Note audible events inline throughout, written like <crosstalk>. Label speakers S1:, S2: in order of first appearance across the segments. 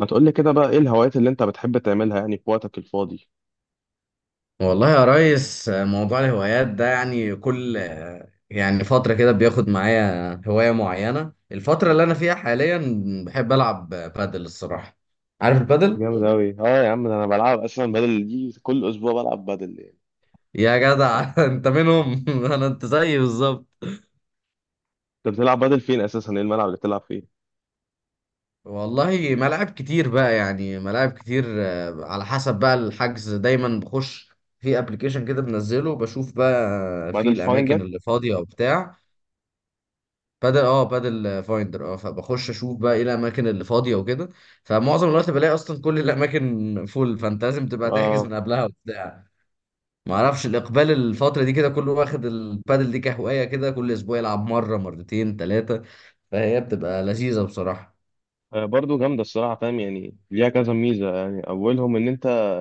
S1: ما تقول لي كده بقى ايه الهوايات اللي انت بتحب تعملها يعني في وقتك الفاضي؟
S2: والله يا ريس موضوع الهوايات ده يعني كل يعني فترة كده بياخد معايا هواية معينة. الفترة اللي أنا فيها حاليا بحب ألعب بادل الصراحة. عارف البادل؟
S1: جامد أوي، اه يا عم، ده انا بلعب اصلا بدل دي كل اسبوع بلعب بدل يعني.
S2: يا جدع <laughs> أنت منهم. <laughs> أنت زيي بالظبط.
S1: انت بتلعب بدل فين اساسا؟ ايه الملعب اللي بتلعب فيه؟
S2: والله ملاعب كتير بقى، يعني ملاعب كتير، على حسب بقى الحجز. دايما بخش في ابلكيشن كده بنزله بشوف بقى في
S1: بدل
S2: الاماكن
S1: فايندر.
S2: اللي فاضية وبتاع. بادل فايندر، فبخش اشوف بقى ايه الاماكن اللي فاضيه وكده. فمعظم الوقت بلاقي اصلا كل الاماكن فول، فانت لازم تبقى تحجز
S1: آه.
S2: من قبلها وبتاع. ما اعرفش الاقبال الفتره دي كده، كله واخد البادل دي كهوايه كده، كل اسبوع يلعب مره مرتين ثلاثه. فهي بتبقى لذيذه بصراحه.
S1: آه، برضو جامدة الصراحة، فاهم يعني ليها كذا ميزة، يعني أولهم إن أنت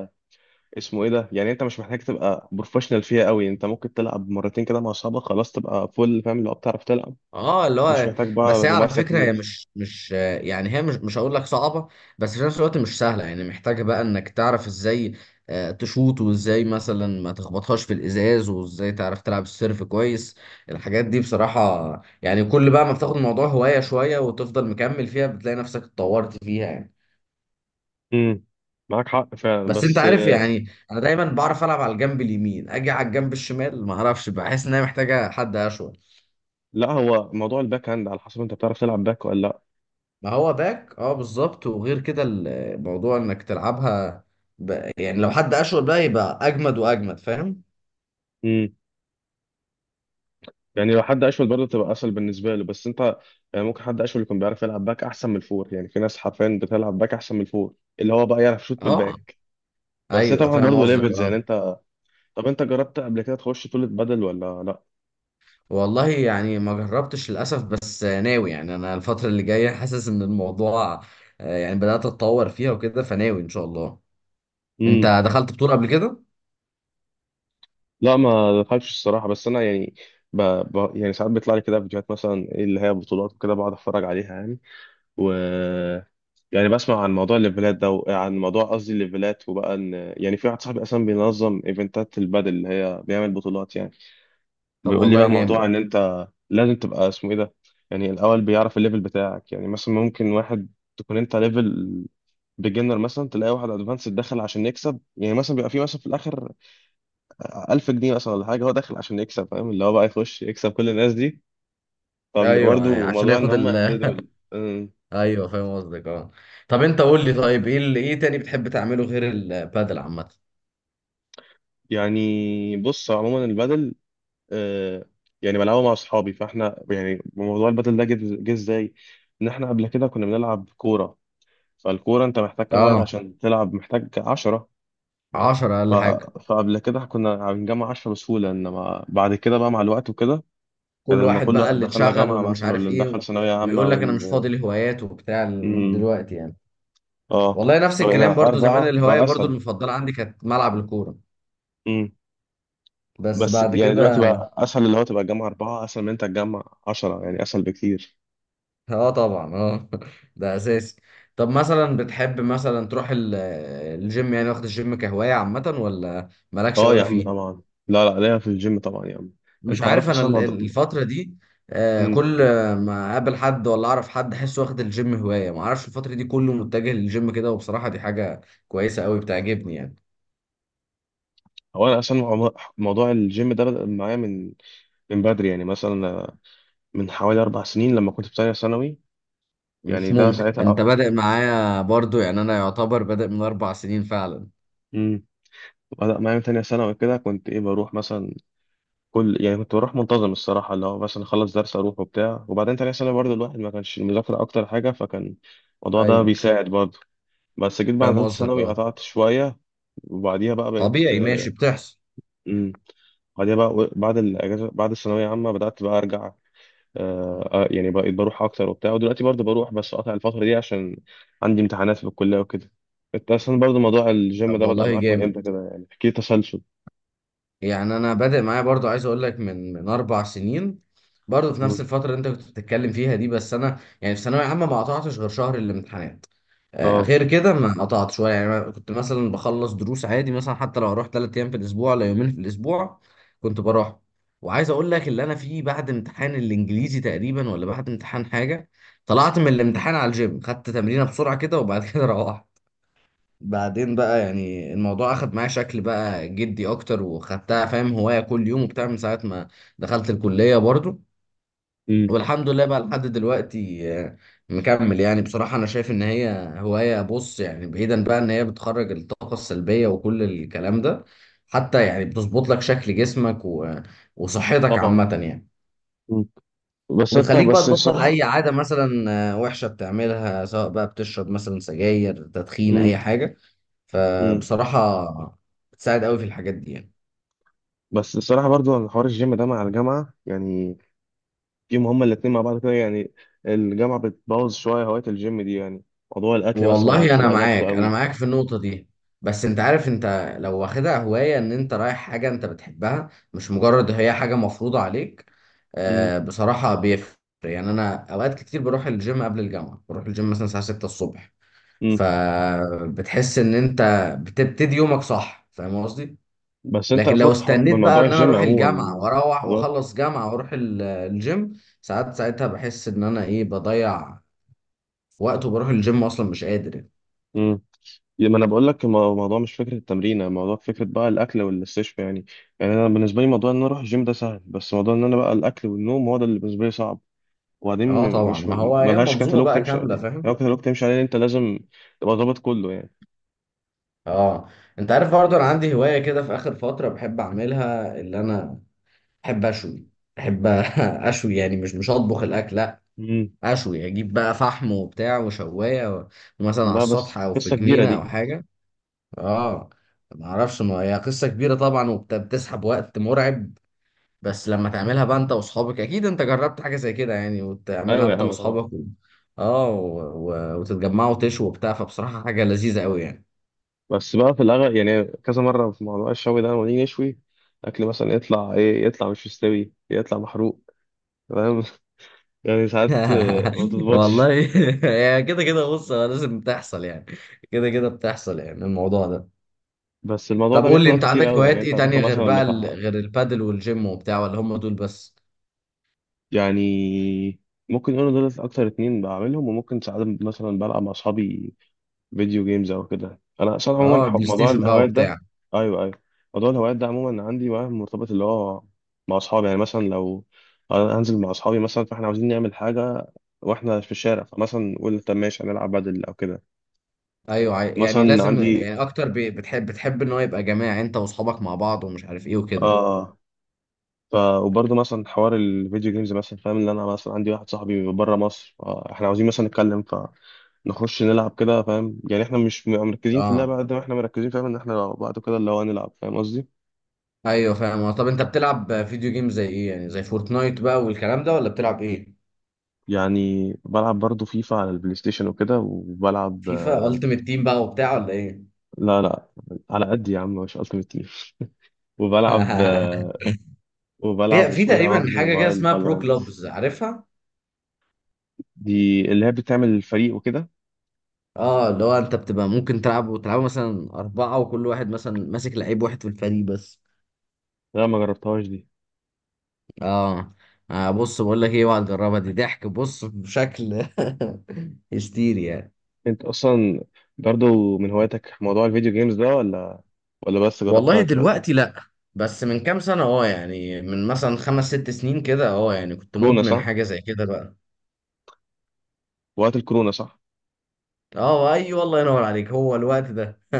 S1: اسمه إيه ده، يعني أنت مش محتاج تبقى بروفيشنال فيها أوي، أنت ممكن تلعب مرتين كده مع أصحابك خلاص تبقى فول، فاهم اللي هو بتعرف تلعب،
S2: اه، اللي
S1: مش
S2: هو
S1: محتاج
S2: بس
S1: بقى
S2: هي على
S1: ممارسة
S2: فكره، هي
S1: كتير.
S2: مش مش يعني، هي مش هقول لك صعبه، بس في نفس الوقت مش سهله. يعني محتاجه بقى انك تعرف ازاي تشوط، وازاي مثلا ما تخبطهاش في الازاز، وازاي تعرف تلعب السيرف كويس. الحاجات دي بصراحه، يعني كل بقى ما بتاخد الموضوع هوايه شويه وتفضل مكمل فيها بتلاقي نفسك اتطورت فيها يعني.
S1: امم. معاك حق فعلا،
S2: بس انت
S1: بس.
S2: عارف يعني، انا دايما بعرف العب على الجنب اليمين، اجي على الجنب الشمال ما اعرفش، بحس ان هي محتاجه حد اشول.
S1: لا، هو موضوع الباك هاند على حسب أنت بتعرف تلعب باك ولا لأ.
S2: ما هو باك، اه بالظبط، وغير كده الموضوع انك تلعبها يعني لو حد اشول بقى يبقى اجمد واجمد، فاهم.
S1: امم. يعني لو حد اشول برضه تبقى اسهل بالنسبه له، بس انت يعني ممكن حد اشول يكون بيعرف يلعب باك احسن من الفور، يعني في ناس حرفيا بتلعب باك احسن من الفور، اللي هو بقى يعرف يشوط
S2: اه.
S1: بالباك، بس هي
S2: ايوه
S1: طبعا
S2: فاهم
S1: برضه
S2: قصدك
S1: ليفلز
S2: اه.
S1: يعني انت. طب انت جربت قبل كده تخش طولة بدل ولا لا؟
S2: والله يعني ما جربتش للاسف، بس ناوي. يعني انا الفتره اللي جايه حاسس ان الموضوع يعني بدات اتطور فيها وكده، فناوي ان شاء الله.
S1: امم.
S2: انت دخلت بطوله قبل كده؟
S1: لا، ما دخلتش الصراحه، بس انا يعني ب... يعني ساعات بيطلع لي كده فيديوهات مثلا، إيه اللي هي بطولات وكده، بقعد اتفرج عليها يعني. و يعني بسمع عن موضوع الليفلات ده، وعن موضوع، قصدي الليفلات، وبقى ان يعني في واحد صاحبي اصلا بينظم ايفنتات البادل اللي هي بيعمل بطولات يعني،
S2: طب
S1: بيقول لي
S2: والله
S1: بقى موضوع
S2: جامد.
S1: ان انت لازم تبقى اسمه ايه ده، يعني الاول بيعرف الليفل بتاعك، يعني مثلا ممكن واحد تكون انت ليفل بيجنر مثلا، تلاقي واحد ادفانس دخل عشان يكسب، يعني مثلا بيبقى في مثلا في الاخر 1000 جنيه مثلا ولا حاجه، هو داخل عشان يكسب، فاهم اللي هو بقى يخش يكسب كل الناس دي، فبيبقى
S2: ايوه، يعني
S1: برضو
S2: عشان
S1: موضوع ان
S2: ياخد
S1: هم
S2: ال
S1: يحددوا
S2: <laughs>
S1: ال- أمم.
S2: ايوه فاهم قصدك اه. طب انت قول لي طيب، ايه تاني بتحب تعمله غير البادل عامه؟
S1: يعني بص، عموما البدل. آه، يعني بلعبه مع اصحابي، فاحنا يعني موضوع البدل ده جه. جه ازاي؟ ان احنا قبل كده كنا بنلعب كوره، فالكورة انت محتاج كام واحد
S2: اه.
S1: عشان تلعب، محتاج 10.
S2: 10
S1: ف...
S2: اقل حاجه.
S1: فقبل كده كنا بنجمع 10 بسهولة، انما بعد كده بقى مع الوقت وكده، يعني
S2: كل
S1: لما
S2: واحد
S1: كل
S2: بقى اللي
S1: دخلنا
S2: اتشغل
S1: جامعة
S2: واللي مش
S1: مثلا،
S2: عارف
S1: واللي دخل
S2: ايه.
S1: ثانوية عامة
S2: ويقول لك انا مش فاضي
S1: وال
S2: لهوايات وبتاع
S1: امم.
S2: دلوقتي يعني.
S1: اه.
S2: والله نفس
S1: فبقينا
S2: الكلام برضو. زمان
S1: أربعة
S2: الهواية
S1: بقى
S2: برضو
S1: أسهل.
S2: المفضلة عندي كانت ملعب الكورة.
S1: امم.
S2: بس
S1: بس
S2: بعد
S1: يعني دلوقتي
S2: كده
S1: بقى أسهل، اللي هو تبقى تجمع أربعة أسهل من انت تجمع 10، يعني أسهل بكتير.
S2: <laughs> اه طبعا اه <laughs> ده اساسي. طب مثلا بتحب مثلا تروح الجيم؟ يعني واخد الجيم كهواية عامة، ولا مالكش
S1: اه يا
S2: قوي
S1: عم
S2: فيه؟
S1: طبعا. لا، لا، ليا في الجيم طبعا يا عم.
S2: مش
S1: انت عارف
S2: عارف انا
S1: اصلا موضوع.
S2: الفترة دي
S1: امم.
S2: كل ما اقابل حد ولا اعرف حد احسه واخد الجيم هواية. ما اعرفش، الفترة دي كله متجه للجيم كده، وبصراحة دي حاجة كويسة قوي بتعجبني يعني.
S1: هو انا اصلا موضوع الجيم ده بدأ معايا من بدري، يعني مثلا من حوالي 4 سنين لما كنت في تانية ثانوي.
S2: مش
S1: يعني ده
S2: ممكن! انت
S1: ساعتها.
S2: بادئ معايا برضو؟ يعني انا يعتبر بادئ من 4 سنين فعلا.
S1: امم. بدأ معايا من تانية ثانوي كده، كنت إيه، بروح مثلا يعني كنت بروح منتظم الصراحة، اللي هو مثلا أخلص درس أروح وبتاع، وبعدين تانية ثانوي برضه الواحد ما كانش المذاكرة أكتر حاجة، فكان الموضوع ده
S2: ايوه
S1: بيساعد برضه. بس جيت بعد
S2: فاهم
S1: تالتة
S2: قصدك
S1: ثانوي
S2: اه.
S1: قطعت شوية، وبعديها بقى بقيت
S2: طبيعي ماشي
S1: آه،
S2: بتحصل.
S1: امم. بعديها بقى بعد الأجازة بعد الثانوية عامة بدأت بقى أرجع، يعني بقيت بروح اكتر وبتاع، ودلوقتي برضه بروح بس قاطع الفتره دي عشان عندي امتحانات في الكليه وكده. انت اصلا برضه موضوع الجيم
S2: طب
S1: ده بدأ
S2: والله
S1: معاك من
S2: جامد.
S1: امتى كده؟ يعني احكي لي تسلسل.
S2: يعني انا بادئ معايا برضو. عايز اقول لك من 4 سنين، برضو في نفس
S1: مم.
S2: الفتره اللي انت كنت بتتكلم فيها دي. بس انا يعني في ثانويه عامه ما قطعتش غير شهر الامتحانات.
S1: اه.
S2: غير كده ما قطعت شويه. يعني أنا كنت مثلا بخلص دروس عادي، مثلا حتى لو اروح 3 ايام في الاسبوع ولا يومين في الاسبوع كنت بروح. وعايز اقول لك، اللي انا فيه بعد امتحان الانجليزي تقريبا، ولا بعد امتحان حاجه، طلعت من الامتحان على الجيم، خدت تمرينه بسرعه كده وبعد كده <laughs> روحت. بعدين بقى يعني الموضوع اخد معايا شكل بقى جدي اكتر، وخدتها فاهم هواية كل يوم وبتاع من ساعة ما دخلت الكلية برضو.
S1: مم.
S2: والحمد لله بقى لحد دلوقتي مكمل. يعني بصراحة انا شايف ان هي هواية، بص، يعني بعيدا بقى ان هي بتخرج الطاقة السلبية وكل الكلام ده، حتى يعني بتظبط لك شكل جسمك و- وصحتك
S1: طبعا.
S2: عامة يعني.
S1: مم. بس انت،
S2: وبتخليك بقى
S1: بس
S2: تبطل
S1: الصراحه.
S2: اي عاده مثلا وحشه بتعملها، سواء بقى بتشرب مثلا سجاير، تدخين،
S1: مم.
S2: اي حاجه.
S1: مم.
S2: فبصراحه بتساعد قوي في الحاجات دي يعني.
S1: بس الصراحه برضه، أنا حوار الجيم ده مع الجامعه يعني، فيهم هما الاتنين مع بعض كده يعني، الجامعه بتبوظ شويه هوايه الجيم دي يعني، موضوع الاكل بس ما
S2: والله
S1: بعرفش
S2: انا
S1: ابقى ضابطه
S2: معاك، انا
S1: قوي.
S2: معاك في النقطه دي. بس انت عارف، انت لو واخدها هوايه ان انت رايح حاجه انت بتحبها، مش مجرد هي حاجه مفروضه عليك،
S1: مم.
S2: بصراحه بيفرق. يعني انا اوقات كتير بروح الجيم قبل الجامعه، بروح الجيم مثلا الساعه 6 الصبح،
S1: مم.
S2: فبتحس ان انت بتبتدي يومك صح، فاهم قصدي؟
S1: بس انت
S2: لكن لو
S1: فك من
S2: استنيت بقى
S1: موضوع
S2: ان انا
S1: الجيم
S2: اروح
S1: عموما،
S2: الجامعه
S1: من
S2: واروح
S1: موضوع،
S2: واخلص جامعه واروح الجيم ساعات، ساعتها بحس ان انا ايه، بضيع وقت، وبروح الجيم اصلا مش قادر يعني.
S1: ما انا بقول لك، الموضوع مش فكره التمرين، الموضوع فكره بقى الاكل والاستشفاء يعني، يعني انا بالنسبه لي موضوع ان انا اروح الجيم ده سهل، بس موضوع ان انا بقى الاكل والنوم هو ده اللي بالنسبه لي صعب، وبعدين
S2: اه طبعا،
S1: مش
S2: ما هو هي
S1: ملهاش
S2: منظومه
S1: كتالوج
S2: بقى
S1: تمشي
S2: كامله
S1: عليه،
S2: فاهم.
S1: لو كتالوج تمشي عليه انت لازم تبقى ضابط كله يعني.
S2: اه، انت عارف برضه انا عندي هوايه كده في اخر فتره بحب اعملها، اللي انا بحب اشوي. بحب <laughs> اشوي، يعني مش اطبخ الاكل لا.
S1: امم.
S2: اشوي، اجيب بقى فحم وبتاع وشوايه و- ومثلا على
S1: لا،
S2: السطح
S1: بس
S2: او في
S1: قصه كبيره
S2: جنينه او
S1: دي.
S2: حاجه. اه. ما اعرفش، ما هي قصه كبيره طبعا، وبتسحب وقت مرعب. بس لما تعملها بقى انت واصحابك، اكيد انت جربت حاجه زي كده يعني، وتعملها
S1: ايوه يا
S2: انت
S1: عم طبعا.
S2: واصحابك، اه، وتتجمعوا تشوا وبتاع، فبصراحه حاجه لذيذه قوي يعني.
S1: بس بقى في الاغلب يعني، كذا مره في موضوع الشوي ده لما نيجي نشوي الاكل مثلا، يطلع ايه، يطلع مش مستوي، يطلع محروق، فاهم <laughs> يعني ساعات ما
S2: <laughs>
S1: بتظبطش.
S2: والله <laughs> هي كده كده بص، هو لازم تحصل يعني، كده كده بتحصل يعني، الموضوع ده.
S1: بس الموضوع
S2: طب
S1: ده
S2: قول
S1: بياخد
S2: لي،
S1: وقت
S2: انت
S1: كتير
S2: عندك
S1: قوي يعني،
S2: هوايات
S1: انت
S2: ايه تانية
S1: هتاخد
S2: غير
S1: مثلا
S2: بقى
S1: بتاع.
S2: غير البادل والجيم وبتاع، ولا هم دول بس؟
S1: يعني ممكن يقولوا دول اكتر اتنين بعملهم، وممكن ساعات مثلا بلعب مع اصحابي فيديو جيمز او كده، انا اصلا عموما
S2: اه، بلاي
S1: موضوع
S2: ستيشن بقى
S1: الهوايات
S2: وبتاع.
S1: ده. ايوه ايوه. موضوع الهوايات ده عموما عندي معاه مرتبط، اللي هو مع اصحابي، يعني مثلا لو انا هنزل مع اصحابي مثلا فاحنا عاوزين نعمل حاجه واحنا في الشارع، فمثلا نقول طب ماشي هنلعب بدل او كده.
S2: ايوه، يعني
S1: مثلا
S2: لازم،
S1: عندي.
S2: يعني اكتر، بتحب ان هو يبقى جماعي، يعني انت واصحابك مع بعض ومش عارف ايه وكده.
S1: اه. وبرضه مثلا حوار الفيديو جيمز، مثلا فاهم اللي انا مثلا عندي واحد صاحبي بره مصر، فاحنا عاوزين مثلا نتكلم فنخش نلعب كده، فاهم يعني احنا مش مركزين في
S2: اه
S1: اللعبه قد ما احنا مركزين، فاهم ان احنا لو بعد كده اللي هو هنلعب، فاهم قصدي.
S2: ايوه فاهم. طب انت بتلعب فيديو جيم زي ايه؟ يعني زي فورتنايت بقى والكلام ده، ولا بتلعب ايه؟
S1: يعني بلعب برضه فيفا على البلاي ستيشن وكده، وبلعب
S2: فيفا
S1: آه،
S2: التيمت تيم بقى وبتاع ولا ايه؟
S1: لا، لا، على قد يا عم مش التيمت تيم، وبلعب،
S2: <laughs>
S1: وبلعب
S2: في
S1: اسمه ايه ده،
S2: تقريبا
S1: ببجي
S2: حاجه كده
S1: موبايل،
S2: اسمها برو
S1: فالورانت.
S2: كلوبز، عارفها؟
S1: دي اللي هي بتعمل الفريق وكده.
S2: اه، اللي هو انت بتبقى ممكن تلعب، وتلعبوا مثلا اربعه، وكل واحد مثلا ماسك لعيب واحد في الفريق بس.
S1: لا، ما جربتهاش دي.
S2: اه. بص بقول لك ايه، اوعى تجربها دي، ضحك بص بشكل <laughs> هستيري يعني.
S1: انت اصلا برضو من هواياتك موضوع الفيديو جيمز ده، ولا بس
S2: والله
S1: جربتها كده قبل؟
S2: دلوقتي لا، بس من كام سنة اه. يعني من مثلا 5 أو 6 سنين كده، اه، يعني كنت
S1: كورونا
S2: مدمن
S1: صح؟
S2: حاجة زي كده بقى.
S1: وقت الكورونا صح.
S2: اه ايوه، الله ينور عليك، هو الوقت ده. <laughs>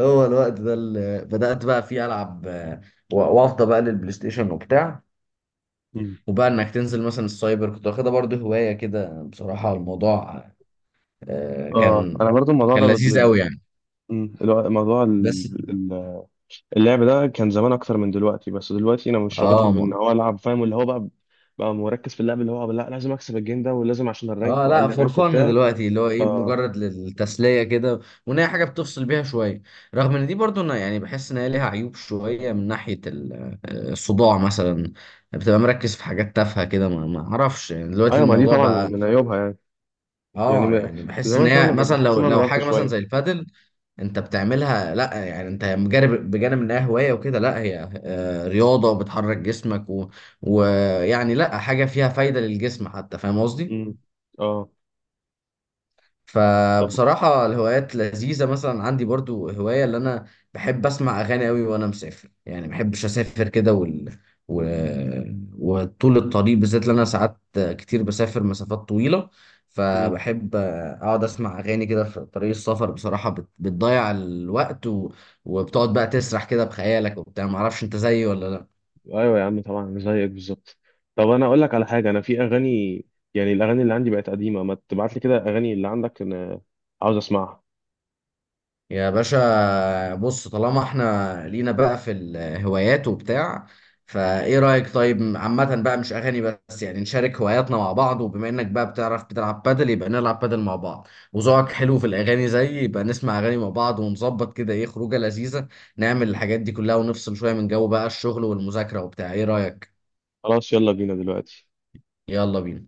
S2: هو الوقت ده اللي بدأت بقى فيه ألعب. و- وافضى بقى للبلاي ستيشن وبتاع.
S1: مم.
S2: وبقى انك تنزل مثلا السايبر، كنت واخدها برضه هواية كده. بصراحة الموضوع آه،
S1: اه
S2: كان
S1: انا برضو الموضوع
S2: كان
S1: ده بت-
S2: لذيذ قوي
S1: بت-
S2: يعني.
S1: مم. موضوع
S2: بس
S1: اللعب ده كان زمان اكتر من دلوقتي، بس دلوقتي انا مش رابطها
S2: اه.
S1: بان هو العب، فاهم اللي هو بقى مركز في اللعب، اللي هو لا، لازم اكسب الجيم ده ولازم عشان الرانك،
S2: اه لا،
S1: واقلل
S2: فور
S1: الرانك
S2: فن
S1: وبتاع.
S2: دلوقتي، اللي هو ايه،
S1: اه
S2: مجرد للتسليه كده، وان هي حاجه بتفصل بيها شويه. رغم ان دي برضو، انا يعني بحس ان هي ليها عيوب شويه من ناحيه الصداع مثلا. بتبقى مركز في حاجات تافهه كده، ما اعرفش يعني، دلوقتي
S1: ايوه، ما دي
S2: الموضوع
S1: طبعا
S2: بقى.
S1: من عيوبها يعني. يعني
S2: اه، يعني بحس ان
S1: زمان
S2: هي
S1: فاهم،
S2: مثلا
S1: بحس
S2: لو
S1: ان انا
S2: لو
S1: ضغطت
S2: حاجه مثلا زي
S1: شويه.
S2: البادل، انت بتعملها لا، يعني انت بجانب انها هوايه وكده، لا هي رياضه، وبتحرك جسمك و- ويعني لا، حاجه فيها فايده للجسم حتى، فاهم قصدي؟
S1: امم. اه طب.
S2: فبصراحة الهوايات لذيذة. مثلا عندي برضو هواية، اللي أنا بحب أسمع أغاني أوي وأنا مسافر. يعني ما بحبش أسافر كده و... وطول الطريق بالذات، لأن أنا ساعات كتير بسافر مسافات طويلة.
S1: مم.
S2: فبحب أقعد أسمع أغاني كده في طريق السفر. بصراحة بتضيع الوقت وبتقعد بقى تسرح كده بخيالك وبتاع، معرفش أنت زيي ولا لأ؟
S1: ايوه يا عم طبعا زيك بالظبط. طب انا اقول لك على حاجه، انا في اغاني يعني الاغاني اللي عندي بقت قديمه، ما تبعت لي كده اغاني اللي عندك، انا عاوز اسمعها.
S2: يا باشا بص، طالما احنا لينا بقى في الهوايات وبتاع، فايه رأيك طيب عامة بقى، مش اغاني بس، يعني نشارك هواياتنا مع بعض؟ وبما انك بقى بتعرف بتلعب بادل يبقى نلعب بادل مع بعض، وذوقك حلو في الاغاني زيي يبقى نسمع اغاني مع بعض، ونظبط كده ايه خروجة لذيذة. نعمل الحاجات دي كلها ونفصل شوية من جو بقى الشغل والمذاكرة وبتاع، ايه رأيك؟
S1: خلاص، يلا بينا دلوقتي.
S2: يلا بينا.